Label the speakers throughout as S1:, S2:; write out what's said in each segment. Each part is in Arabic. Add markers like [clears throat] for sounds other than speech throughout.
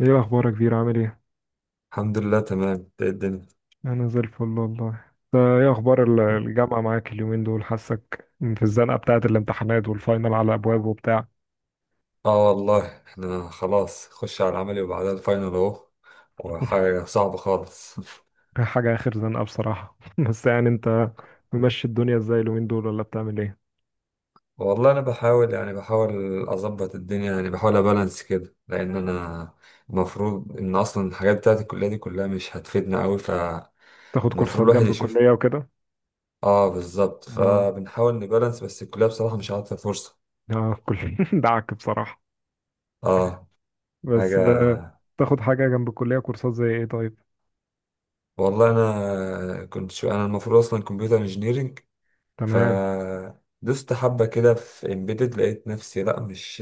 S1: ايه اخبارك كبير؟ عامل ايه؟
S2: الحمد لله، تمام. ده الدنيا.
S1: انا زي الفل والله. انت ايه اخبار الجامعه معاك اليومين دول؟ حاسك في الزنقه بتاعه الامتحانات والفاينل على ابواب وبتاع.
S2: اه، والله احنا خلاص خش على العملي وبعدها الفاينل اهو.
S1: [laughs]
S2: وحاجة صعبة خالص. [laughs]
S1: حاجه اخر زنقه بصراحه. [laughs] بس يعني انت ممشي الدنيا ازاي اليومين دول ولا بتعمل ايه؟
S2: والله انا بحاول اظبط الدنيا، يعني بحاول ابالانس كده، لان انا المفروض ان اصلا الحاجات بتاعت الكلية دي كلها مش هتفيدنا قوي،
S1: تاخد
S2: فالمفروض
S1: كورسات
S2: الواحد
S1: جنب
S2: يشوف.
S1: الكليه وكده.
S2: اه، بالظبط،
S1: اه
S2: فبنحاول نبالانس. بس الكلية بصراحة مش عارفة فرصة.
S1: اه كل [laughs] دعك بصراحه.
S2: اه،
S1: بس
S2: حاجة.
S1: تاخد حاجه جنب الكليه كورسات زي ايه طيب؟
S2: والله انا كنت شو انا المفروض اصلا كمبيوتر انجينيرنج،
S1: تمام.
S2: فدوست حبة كده في امبيدد، لقيت نفسي لأ، مش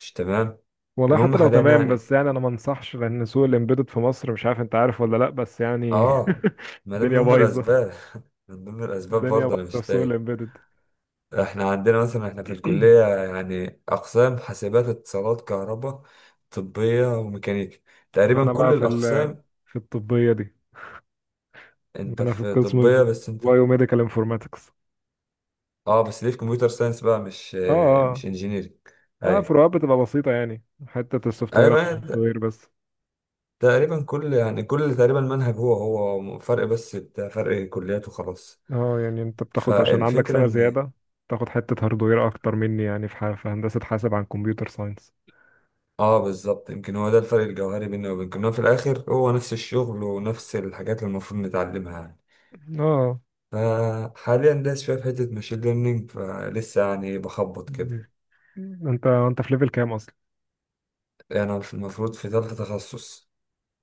S2: مش تمام.
S1: والله
S2: المهم
S1: حتى لو
S2: حاليا
S1: تمام
S2: يعني.
S1: بس يعني انا ما انصحش، لان سوق الامبيدد في مصر، مش عارف انت عارف ولا لا، بس يعني
S2: اه،
S1: [laughs]
S2: ما ده من
S1: الدنيا
S2: ضمن
S1: بايظه،
S2: الأسباب. [laughs] من ضمن الأسباب
S1: الدنيا
S2: برضه أنا
S1: بايظه في
S2: مش
S1: سوق
S2: تايه.
S1: الامبيدد.
S2: احنا عندنا مثلا، احنا في الكلية
S1: [clears throat]
S2: يعني أقسام: حاسبات، اتصالات، كهرباء، طبية، وميكانيكا.
S1: انا
S2: تقريبا كل
S1: بقى في
S2: الأقسام.
S1: في الطبيه دي.
S2: انت
S1: انا في
S2: في
S1: القسم
S2: طبية، بس انت،
S1: بايو ميديكال انفورماتكس.
S2: اه، بس ليه في كمبيوتر ساينس بقى، مش
S1: اه.
S2: مش انجينيرنج؟
S1: اه
S2: ايوه،
S1: فروقات بتبقى بسيطه يعني، حته السوفت وير عن الهارد
S2: ايوه.
S1: وير بس.
S2: تقريبا كل تقريبا المنهج هو هو. فرق بس بتاع فرق كليات وخلاص.
S1: اه يعني انت بتاخد عشان عندك
S2: فالفكرة
S1: سنه
S2: ان،
S1: زياده، تاخد حته هارد وير اكتر مني، يعني في في هندسه حاسب عن كمبيوتر ساينس.
S2: اه بالظبط، يمكن هو ده الفرق الجوهري بيننا وبينكم، إن هو في الاخر هو نفس الشغل ونفس الحاجات اللي المفروض نتعلمها يعني.
S1: اه.
S2: فحاليا داس شوية في حتة ماشين ليرنينج، فلسه يعني بخبط كده.
S1: انت في ليفل كام اصلا؟
S2: يعني أنا المفروض في تالتة تخصص،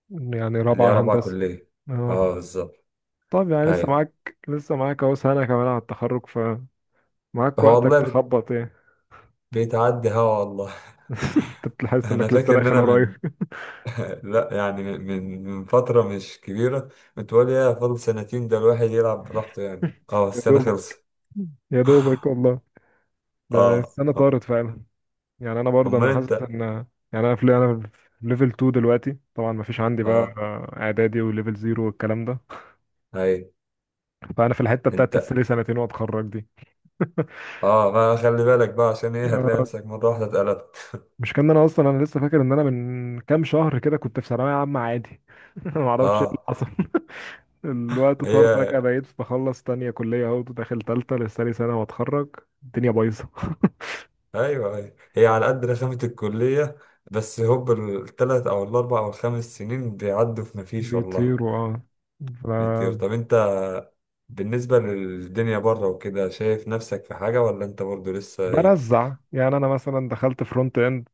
S1: يعني
S2: اللي هي
S1: رابعة
S2: رابعة
S1: هندسة.
S2: كلية. اه،
S1: اه.
S2: بالظبط.
S1: طب يعني لسه
S2: ايوه.
S1: معاك لسه معاك اهو سنة كمان على التخرج، فمعاك
S2: هو
S1: وقتك
S2: والله
S1: تخبط يعني.
S2: بيتعدي هوا والله.
S1: [laughs]
S2: [laughs]
S1: انت بتحس
S2: انا
S1: انك لسه
S2: فاكر ان
S1: داخل
S2: انا
S1: قريب.
S2: من
S1: [laughs]
S2: [laughs] لا، يعني من فترة مش كبيرة كنت بقول ايه فاضل سنتين، ده الواحد يلعب براحته يعني. اه،
S1: يا
S2: السنة
S1: دوبك،
S2: خلصت.
S1: يا دوبك والله. ده
S2: اه،
S1: السنة
S2: آه.
S1: طارت فعلا. يعني انا برضه
S2: امال
S1: انا حاسس
S2: انت،
S1: ان يعني انا في ليفل 2 دلوقتي، طبعا ما فيش عندي بقى
S2: اه
S1: اعدادي وليفل 0 والكلام ده.
S2: هاي
S1: فانا في الحتة
S2: انت،
S1: بتاعت لسه لي سنتين واتخرج دي.
S2: اه، ما خلي بالك بقى، عشان ايه هتلاقي
S1: آه،
S2: نفسك مرة واحدة اتقلبت.
S1: مش كان انا اصلا، انا لسه فاكر ان انا من كام شهر كده كنت في ثانوية عامة عادي. [laughs] ما اعرفش ايه اللي
S2: اه.
S1: حصل. الوقت طار فجأة،
S2: هي،
S1: بقيت بخلص تانية كلية اهو داخل تالتة لسه لي سنة واتخرج. الدنيا بايظة.
S2: ايوه، هي على قد رخامة الكلية. بس هوب التلات او الاربع او الخمس سنين بيعدوا في مفيش والله.
S1: بيطيروا اه.
S2: كتير. طب انت بالنسبة للدنيا بره وكده، شايف نفسك في حاجة، ولا انت برضو لسه ايه؟
S1: فبرزع يعني، انا مثلا دخلت فرونت اند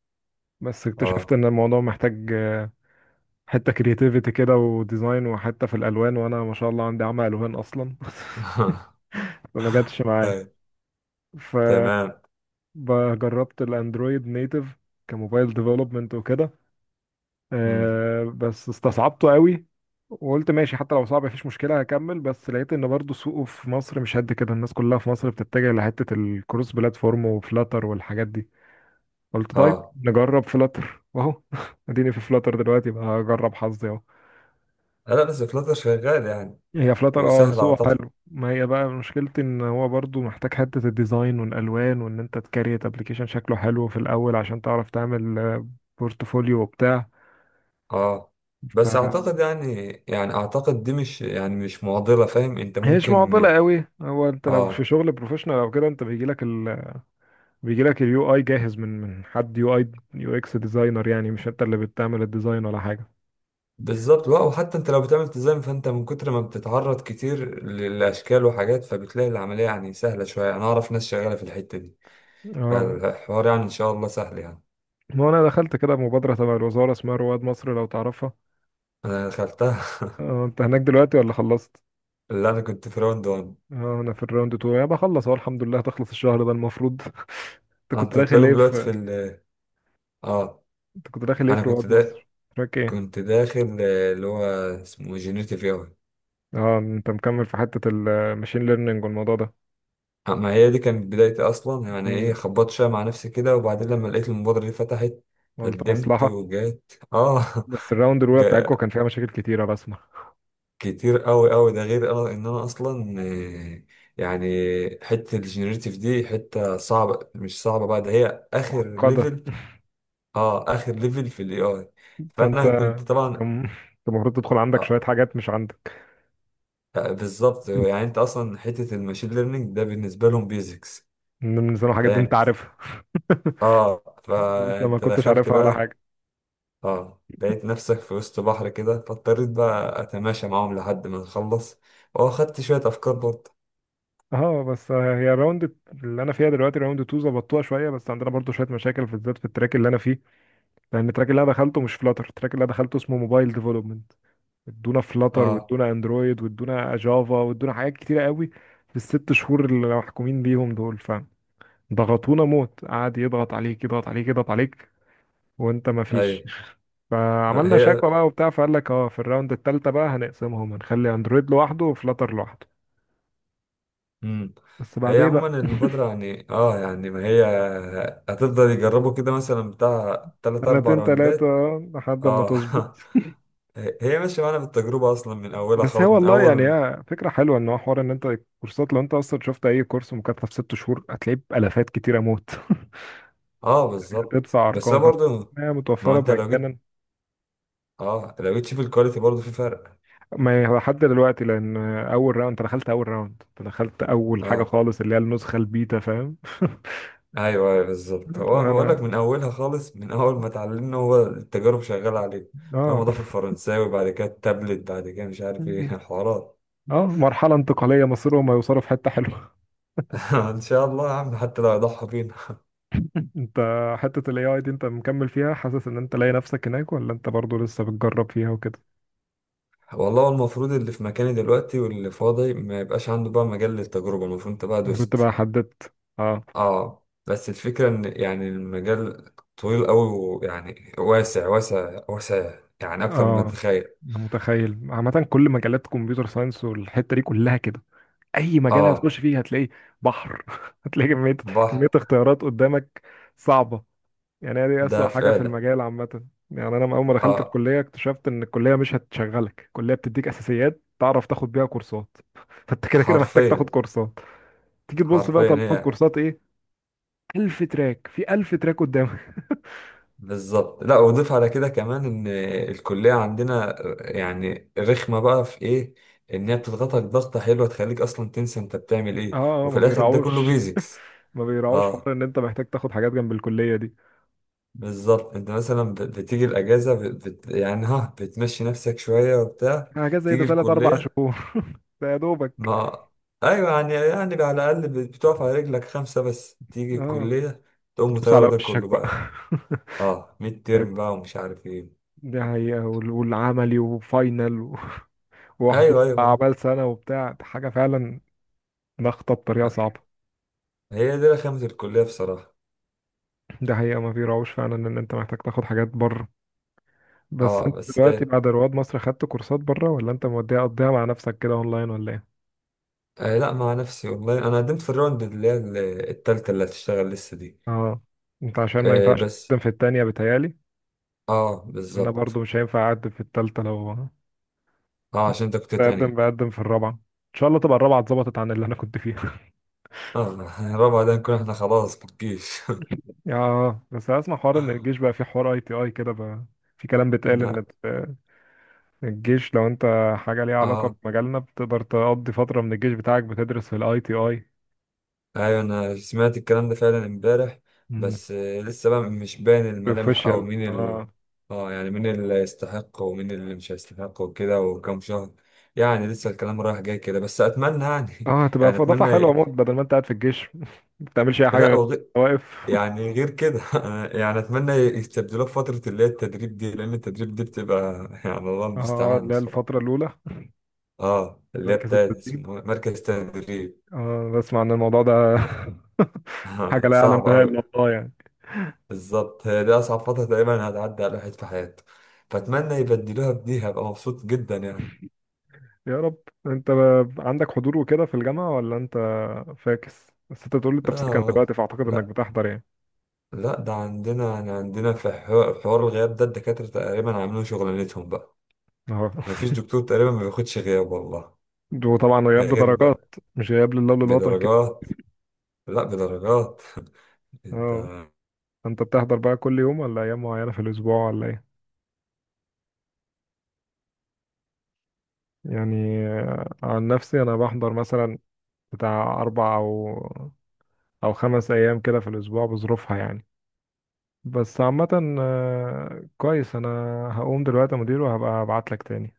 S1: بس اكتشفت
S2: اه.
S1: ان الموضوع محتاج حتة كرياتيفيتي كده وديزاين وحتة في الالوان، وانا ما شاء الله عندي عمى الوان اصلا. [laughs]
S2: [laughs]
S1: فما جاتش معايا.
S2: أي، تمام.
S1: فجربت الاندرويد نيتف كموبايل ديفلوبمنت وكده،
S2: مم.
S1: بس استصعبته قوي. وقلت ماشي حتى لو صعب مفيش مشكلة هكمل، بس لقيت ان برضو سوقه في مصر مش قد كده، الناس كلها في مصر بتتجه لحتة الكروس بلاتفورم وفلاتر والحاجات دي. قلت طيب
S2: اه،
S1: نجرب فلاتر واهو، [laughs] اديني في فلاتر دلوقتي بقى هجرب حظي اهو.
S2: لا، بس فلاتر شغال يعني،
S1: هي فلاتر اه
S2: وسهل
S1: سوقه
S2: اعتقد.
S1: حلو، ما هي بقى مشكلتي ان هو برضو محتاج حتة الديزاين والالوان، وان انت تكريت ابلكيشن شكله حلو في الاول عشان تعرف تعمل بورتفوليو وبتاع.
S2: اه،
S1: ف
S2: بس اعتقد يعني، يعني اعتقد دي مش، يعني مش معضلة، فاهم انت
S1: هي مش
S2: ممكن.
S1: معضله قوي، هو انت لو في
S2: اه،
S1: شغل بروفيشنال او كده، انت بيجي لك بيجي لك اليو اي جاهز من حد يو اي يو اكس ديزاينر، يعني مش انت اللي بتعمل الديزاين ولا حاجه.
S2: بالظبط. لا، وحتى انت لو بتعمل تزام، فانت من كتر ما بتتعرض كتير للاشكال وحاجات، فبتلاقي العملية يعني سهلة شوية. انا اعرف ناس شغالة في الحتة دي،
S1: اه.
S2: فالحوار يعني ان شاء الله سهل يعني.
S1: ما انا دخلت كده مبادره تبع الوزاره اسمها رواد مصر، لو تعرفها.
S2: انا دخلتها.
S1: اه انت هناك دلوقتي ولا خلصت؟
S2: [laughs] اللي انا كنت في راوند 1.
S1: اه انا في الراوند 2، يعني بخلص اهو الحمد لله، هتخلص الشهر ده المفروض. [laughs] انت كنت
S2: انتوا
S1: داخل
S2: تلاقيهم
S1: ايه
S2: دلوقتي في
S1: في
S2: ال اه
S1: انت كنت داخل ايه
S2: انا
S1: في
S2: كنت
S1: رواد
S2: ده
S1: مصر؟ تراك ايه؟
S2: كنت داخل، اللي هو اسمه جينيريتيف اي.
S1: اه انت مكمل في حته الماشين ليرنينج والموضوع ده؟
S2: ما هي دي كانت بدايتي اصلا يعني، ايه،
S1: مم،
S2: خبطت شويه مع نفسي كده، وبعدين لما لقيت المبادره دي فتحت،
S1: قلت
S2: قدمت،
S1: مصلحه.
S2: وجات اه.
S1: بس الراوند
S2: [laughs]
S1: الاولى
S2: جا.
S1: بتاعتكم كان فيها مشاكل كتيره بسمع.
S2: كتير قوي قوي. ده غير اه ان انا اصلا، يعني حته الجينيريتيف دي حته صعبه، مش صعبه بقى، ده هي اخر
S1: معقده.
S2: ليفل. اه، اخر ليفل في الاي اي.
S1: فانت
S2: فانا كنت
S1: كان
S2: طبعا
S1: كان المفروض تدخل عندك شويه
S2: آه
S1: حاجات مش عندك
S2: بالظبط يعني. انت اصلا حته الماشين ليرنينج ده بالنسبه لهم بيزكس،
S1: من زمان حاجات دي
S2: فاهم.
S1: انت عارفها. [laughs]
S2: اه،
S1: وانت ما
S2: فانت
S1: كنتش
S2: دخلت
S1: عارفها ولا
S2: بقى.
S1: حاجه.
S2: اه، لقيت نفسك في وسط بحر كده، فاضطريت بقى اتماشى معاهم لحد ما نخلص. واخدت شوية افكار برضه.
S1: اه بس هي اللي انا فيها دلوقتي راوند 2 ظبطوها شويه، بس عندنا برضو شويه مشاكل في الذات في التراك اللي انا فيه. لان التراك اللي انا دخلته مش فلاتر، التراك اللي انا دخلته اسمه موبايل ديفلوبمنت. ادونا فلاتر
S2: اه،
S1: وادونا اندرويد وادونا جافا وادونا حاجات كتيره قوي في الست شهور اللي محكومين بيهم دول. ضغطونا موت، قعد يضغط عليك يضغط عليك يضغط عليك وانت ما فيش.
S2: ايوه. ما
S1: فعملنا
S2: هي.
S1: شكوى بقى وبتاع، فقال لك اه في الراوند التالتة بقى هنقسمهم، هنخلي اندرويد لوحده وفلاتر لوحده.
S2: مم.
S1: بس
S2: هي
S1: بعدين
S2: عموما
S1: بقى
S2: المبادرة يعني، اه، ما هي هتفضل يجربوا كده، مثلا بتاع تلات أربع
S1: سنتين تلاتة
S2: راوندات.
S1: لحد ما
S2: اه.
S1: تظبط. [laughs]
S2: [laughs] هي ماشية معانا بالتجربة أصلا من أولها
S1: بس هي
S2: خالص، من
S1: والله يعني
S2: أول.
S1: هي فكرة حلوة، ان هو حوار ان انت الكورسات، لو انت اصلا شفت اي كورس مكثف ست شهور هتلاقيه بألافات كتيرة موت. [laughs]
S2: اه، بالظبط.
S1: هتدفع
S2: بس هو
S1: ارقام،
S2: برضه،
S1: فهي
S2: ما هو
S1: متوفرة
S2: أنت لو جيت،
S1: مجانا.
S2: اه، لو جيت تشوف الكواليتي برضه في فرق.
S1: ما هو لحد دلوقتي، لان اول راوند، انت دخلت اول حاجه
S2: اه،
S1: خالص اللي هي النسخه البيتا، فاهم. [laughs]
S2: ايوه، ايوه، بالظبط. هو بقول لك
S1: انا.
S2: من اولها خالص، من اول ما اتعلمنا هو التجارب شغاله عليه. اول ما
S1: اه
S2: ضاف الفرنساوي، بعد كده التابلت، بعد كده مش عارف ايه. [laughs] حوارات.
S1: اه مرحله انتقاليه مصيرهم هيوصلوا في حته حلوه.
S2: [laughs] ان شاء الله يا عم، حتى لو يضحى بينا.
S1: [laughs] انت حته الاي اي دي انت مكمل فيها، حاسس ان انت لاقي نفسك هناك ولا انت برضو لسه بتجرب فيها وكده؟
S2: والله هو المفروض اللي في مكاني دلوقتي واللي فاضي ما يبقاش عنده بقى مجال للتجربه، المفروض انت بقى
S1: المفروض تبقى
S2: دوست.
S1: حددت. اه.
S2: اه، بس الفكره ان يعني المجال طويل قوي، ويعني واسع واسع واسع، يعني اكتر مما
S1: اه
S2: تتخيل.
S1: انا متخيل عامه، كل مجالات كمبيوتر ساينس والحته دي كلها كده، اي مجال
S2: اه،
S1: هتخش فيه هتلاقي بحر. [laughs] هتلاقي كميه كميه
S2: بحر.
S1: اختيارات قدامك، صعبه. يعني هي دي
S2: ده
S1: اسوأ حاجه في
S2: فعلا.
S1: المجال عامه. يعني انا اول ما دخلت
S2: اه،
S1: الكليه اكتشفت ان الكليه مش هتشغلك، الكليه بتديك اساسيات تعرف تاخد بيها كورسات. [laughs] فانت كده كده محتاج تاخد
S2: حرفيا.
S1: كورسات. تيجي تبص بقى،
S2: حرفيا
S1: طب تاخد
S2: هي.
S1: كورسات ايه؟ ألف تراك في ألف تراك قدامك. [laughs]
S2: بالظبط. لا، واضيف على كده كمان ان الكليه عندنا يعني رخمه بقى في ايه، ان هي بتضغطك ضغطه حلوه تخليك اصلا تنسى انت بتعمل
S1: اه
S2: ايه،
S1: ما
S2: وفي الاخر ده كله
S1: بيراعوش،
S2: بيزكس.
S1: ما بيراعوش
S2: اه،
S1: حوار ان انت محتاج تاخد حاجات جنب الكليه دي.
S2: بالظبط. انت مثلا بتيجي الاجازه، يعني ها، بتمشي نفسك شويه وبتاع،
S1: حاجات زي ده
S2: تيجي
S1: تلات اربع
S2: الكليه
S1: شهور. [laughs] ده يا دوبك.
S2: ما. ايوه، يعني، يعني على الاقل بتقف على رجلك خمسه. بس تيجي
S1: اه
S2: الكليه تقوم
S1: تدوس
S2: مطيره
S1: على
S2: ده
S1: وشك
S2: كله
S1: بقى.
S2: بقى. اه، ميد
S1: [laughs]
S2: ترم بقى ومش عارف ايه.
S1: دي حقيقة، والعملي وفاينل [laughs] وحضور
S2: ايوه، ايوه، آه.
S1: أعمال سنة وبتاع، دي حاجة فعلا، ضغطة بطريقة صعبة.
S2: هي دي رخامة الكلية بصراحة.
S1: ده حقيقة، ما في روش فعلا إن أنت محتاج تاخد حاجات بره. بس
S2: اه،
S1: أنت
S2: بس
S1: دلوقتي بعد رواد مصر خدت كورسات بره، ولا أنت موديها قضيها مع نفسك كده أونلاين، ولا إيه؟
S2: آه، لا، مع نفسي والله. انا قدمت في الراوند اللي هي التالتة اللي هتشتغل لسه دي.
S1: أه، أنت عشان ما
S2: آه،
S1: ينفعش
S2: بس.
S1: تقدم في التانية بتهيألي.
S2: اه،
S1: أنا
S2: بالظبط.
S1: برضو مش هينفع أقدم في التالتة، لو
S2: اه، عشان انت كنت تانية.
S1: بقدم في الرابعة. إن شاء الله تبقى الرابعة اتظبطت عن اللي أنا كنت فيها. [laughs]
S2: اه. [laughs] الرابعة ده نكون احنا خلاص في الجيش.
S1: آه بس أسمع حوار إن الجيش بقى فيه حوار أي تي أي كده بقى، في كلام
S2: [laughs]
S1: بيتقال
S2: لا.
S1: إن الجيش لو انت حاجة ليها علاقة
S2: اه،
S1: بمجالنا، بتقدر تقضي فترة من الجيش بتاعك بتدرس في الاي تي اي.
S2: ايوه، انا سمعت الكلام ده فعلا امبارح.
S1: مم.
S2: بس آه، لسه بقى مش باين الملامح، او
S1: بروفيشال
S2: مين ال
S1: اه.
S2: اه يعني مين اللي يستحق ومين اللي مش هيستحق وكده، وكم شهر. يعني لسه الكلام رايح جاي كده، بس اتمنى يعني.
S1: اه
S2: [laughs]
S1: هتبقى
S2: يعني
S1: في اضافة حلوة
S2: اتمنى.
S1: موت، بدل ما انت قاعد في الجيش [laughs] ما بتعملش اي حاجة
S2: لا،
S1: غير واقف.
S2: يعني غير كده. [laughs] يعني اتمنى يستبدلوه في فتره اللي هي التدريب دي، لان التدريب دي بتبقى، [laughs] يعني الله
S1: [laughs] اه
S2: المستعان
S1: اللي هي
S2: بصراحه.
S1: الفترة الأولى،
S2: اه، اللي هي
S1: مركز
S2: بتاعت
S1: التدريب.
S2: اسمه إيه؟ مركز تدريب.
S1: اه بسمع ان الموضوع ده [laughs] حاجة
S2: [laughs]
S1: لا يعلم
S2: صعب
S1: بها
S2: قوي.
S1: إلا الله يعني.
S2: بالظبط، هي دي اصعب فتره تقريبا هتعدي على الواحد في حياته، فاتمنى يبدلوها بدي، هبقى مبسوط جدا يعني.
S1: يا رب. انت عندك حضور وكده في الجامعة، ولا انت فاكس؟ بس انت بتقول لي انت في سكن دلوقتي،
S2: اه،
S1: فاعتقد انك
S2: لا،
S1: بتحضر يعني.
S2: لا. ده عندنا يعني، عندنا في حوار الغياب، ده الدكاتره تقريبا عاملين شغلانتهم بقى.
S1: اه.
S2: مفيش
S1: [laughs]
S2: دكتور تقريبا ما بياخدش غياب والله.
S1: وطبعا
S2: ده
S1: غياب
S2: غير بقى
S1: بدرجات، مش غياب لله وللوطن.
S2: بدرجات. لا، بدرجات. [laughs]
S1: اه.
S2: انت
S1: انت بتحضر بقى كل يوم، ولا ايام معينة في الاسبوع، ولا ايه؟ يعني عن نفسي انا بحضر مثلا بتاع اربع او او خمس ايام كده في الاسبوع، بظروفها يعني. بس عامة كويس. انا هقوم دلوقتي يا مدير، وهبقى ابعت لك تاني.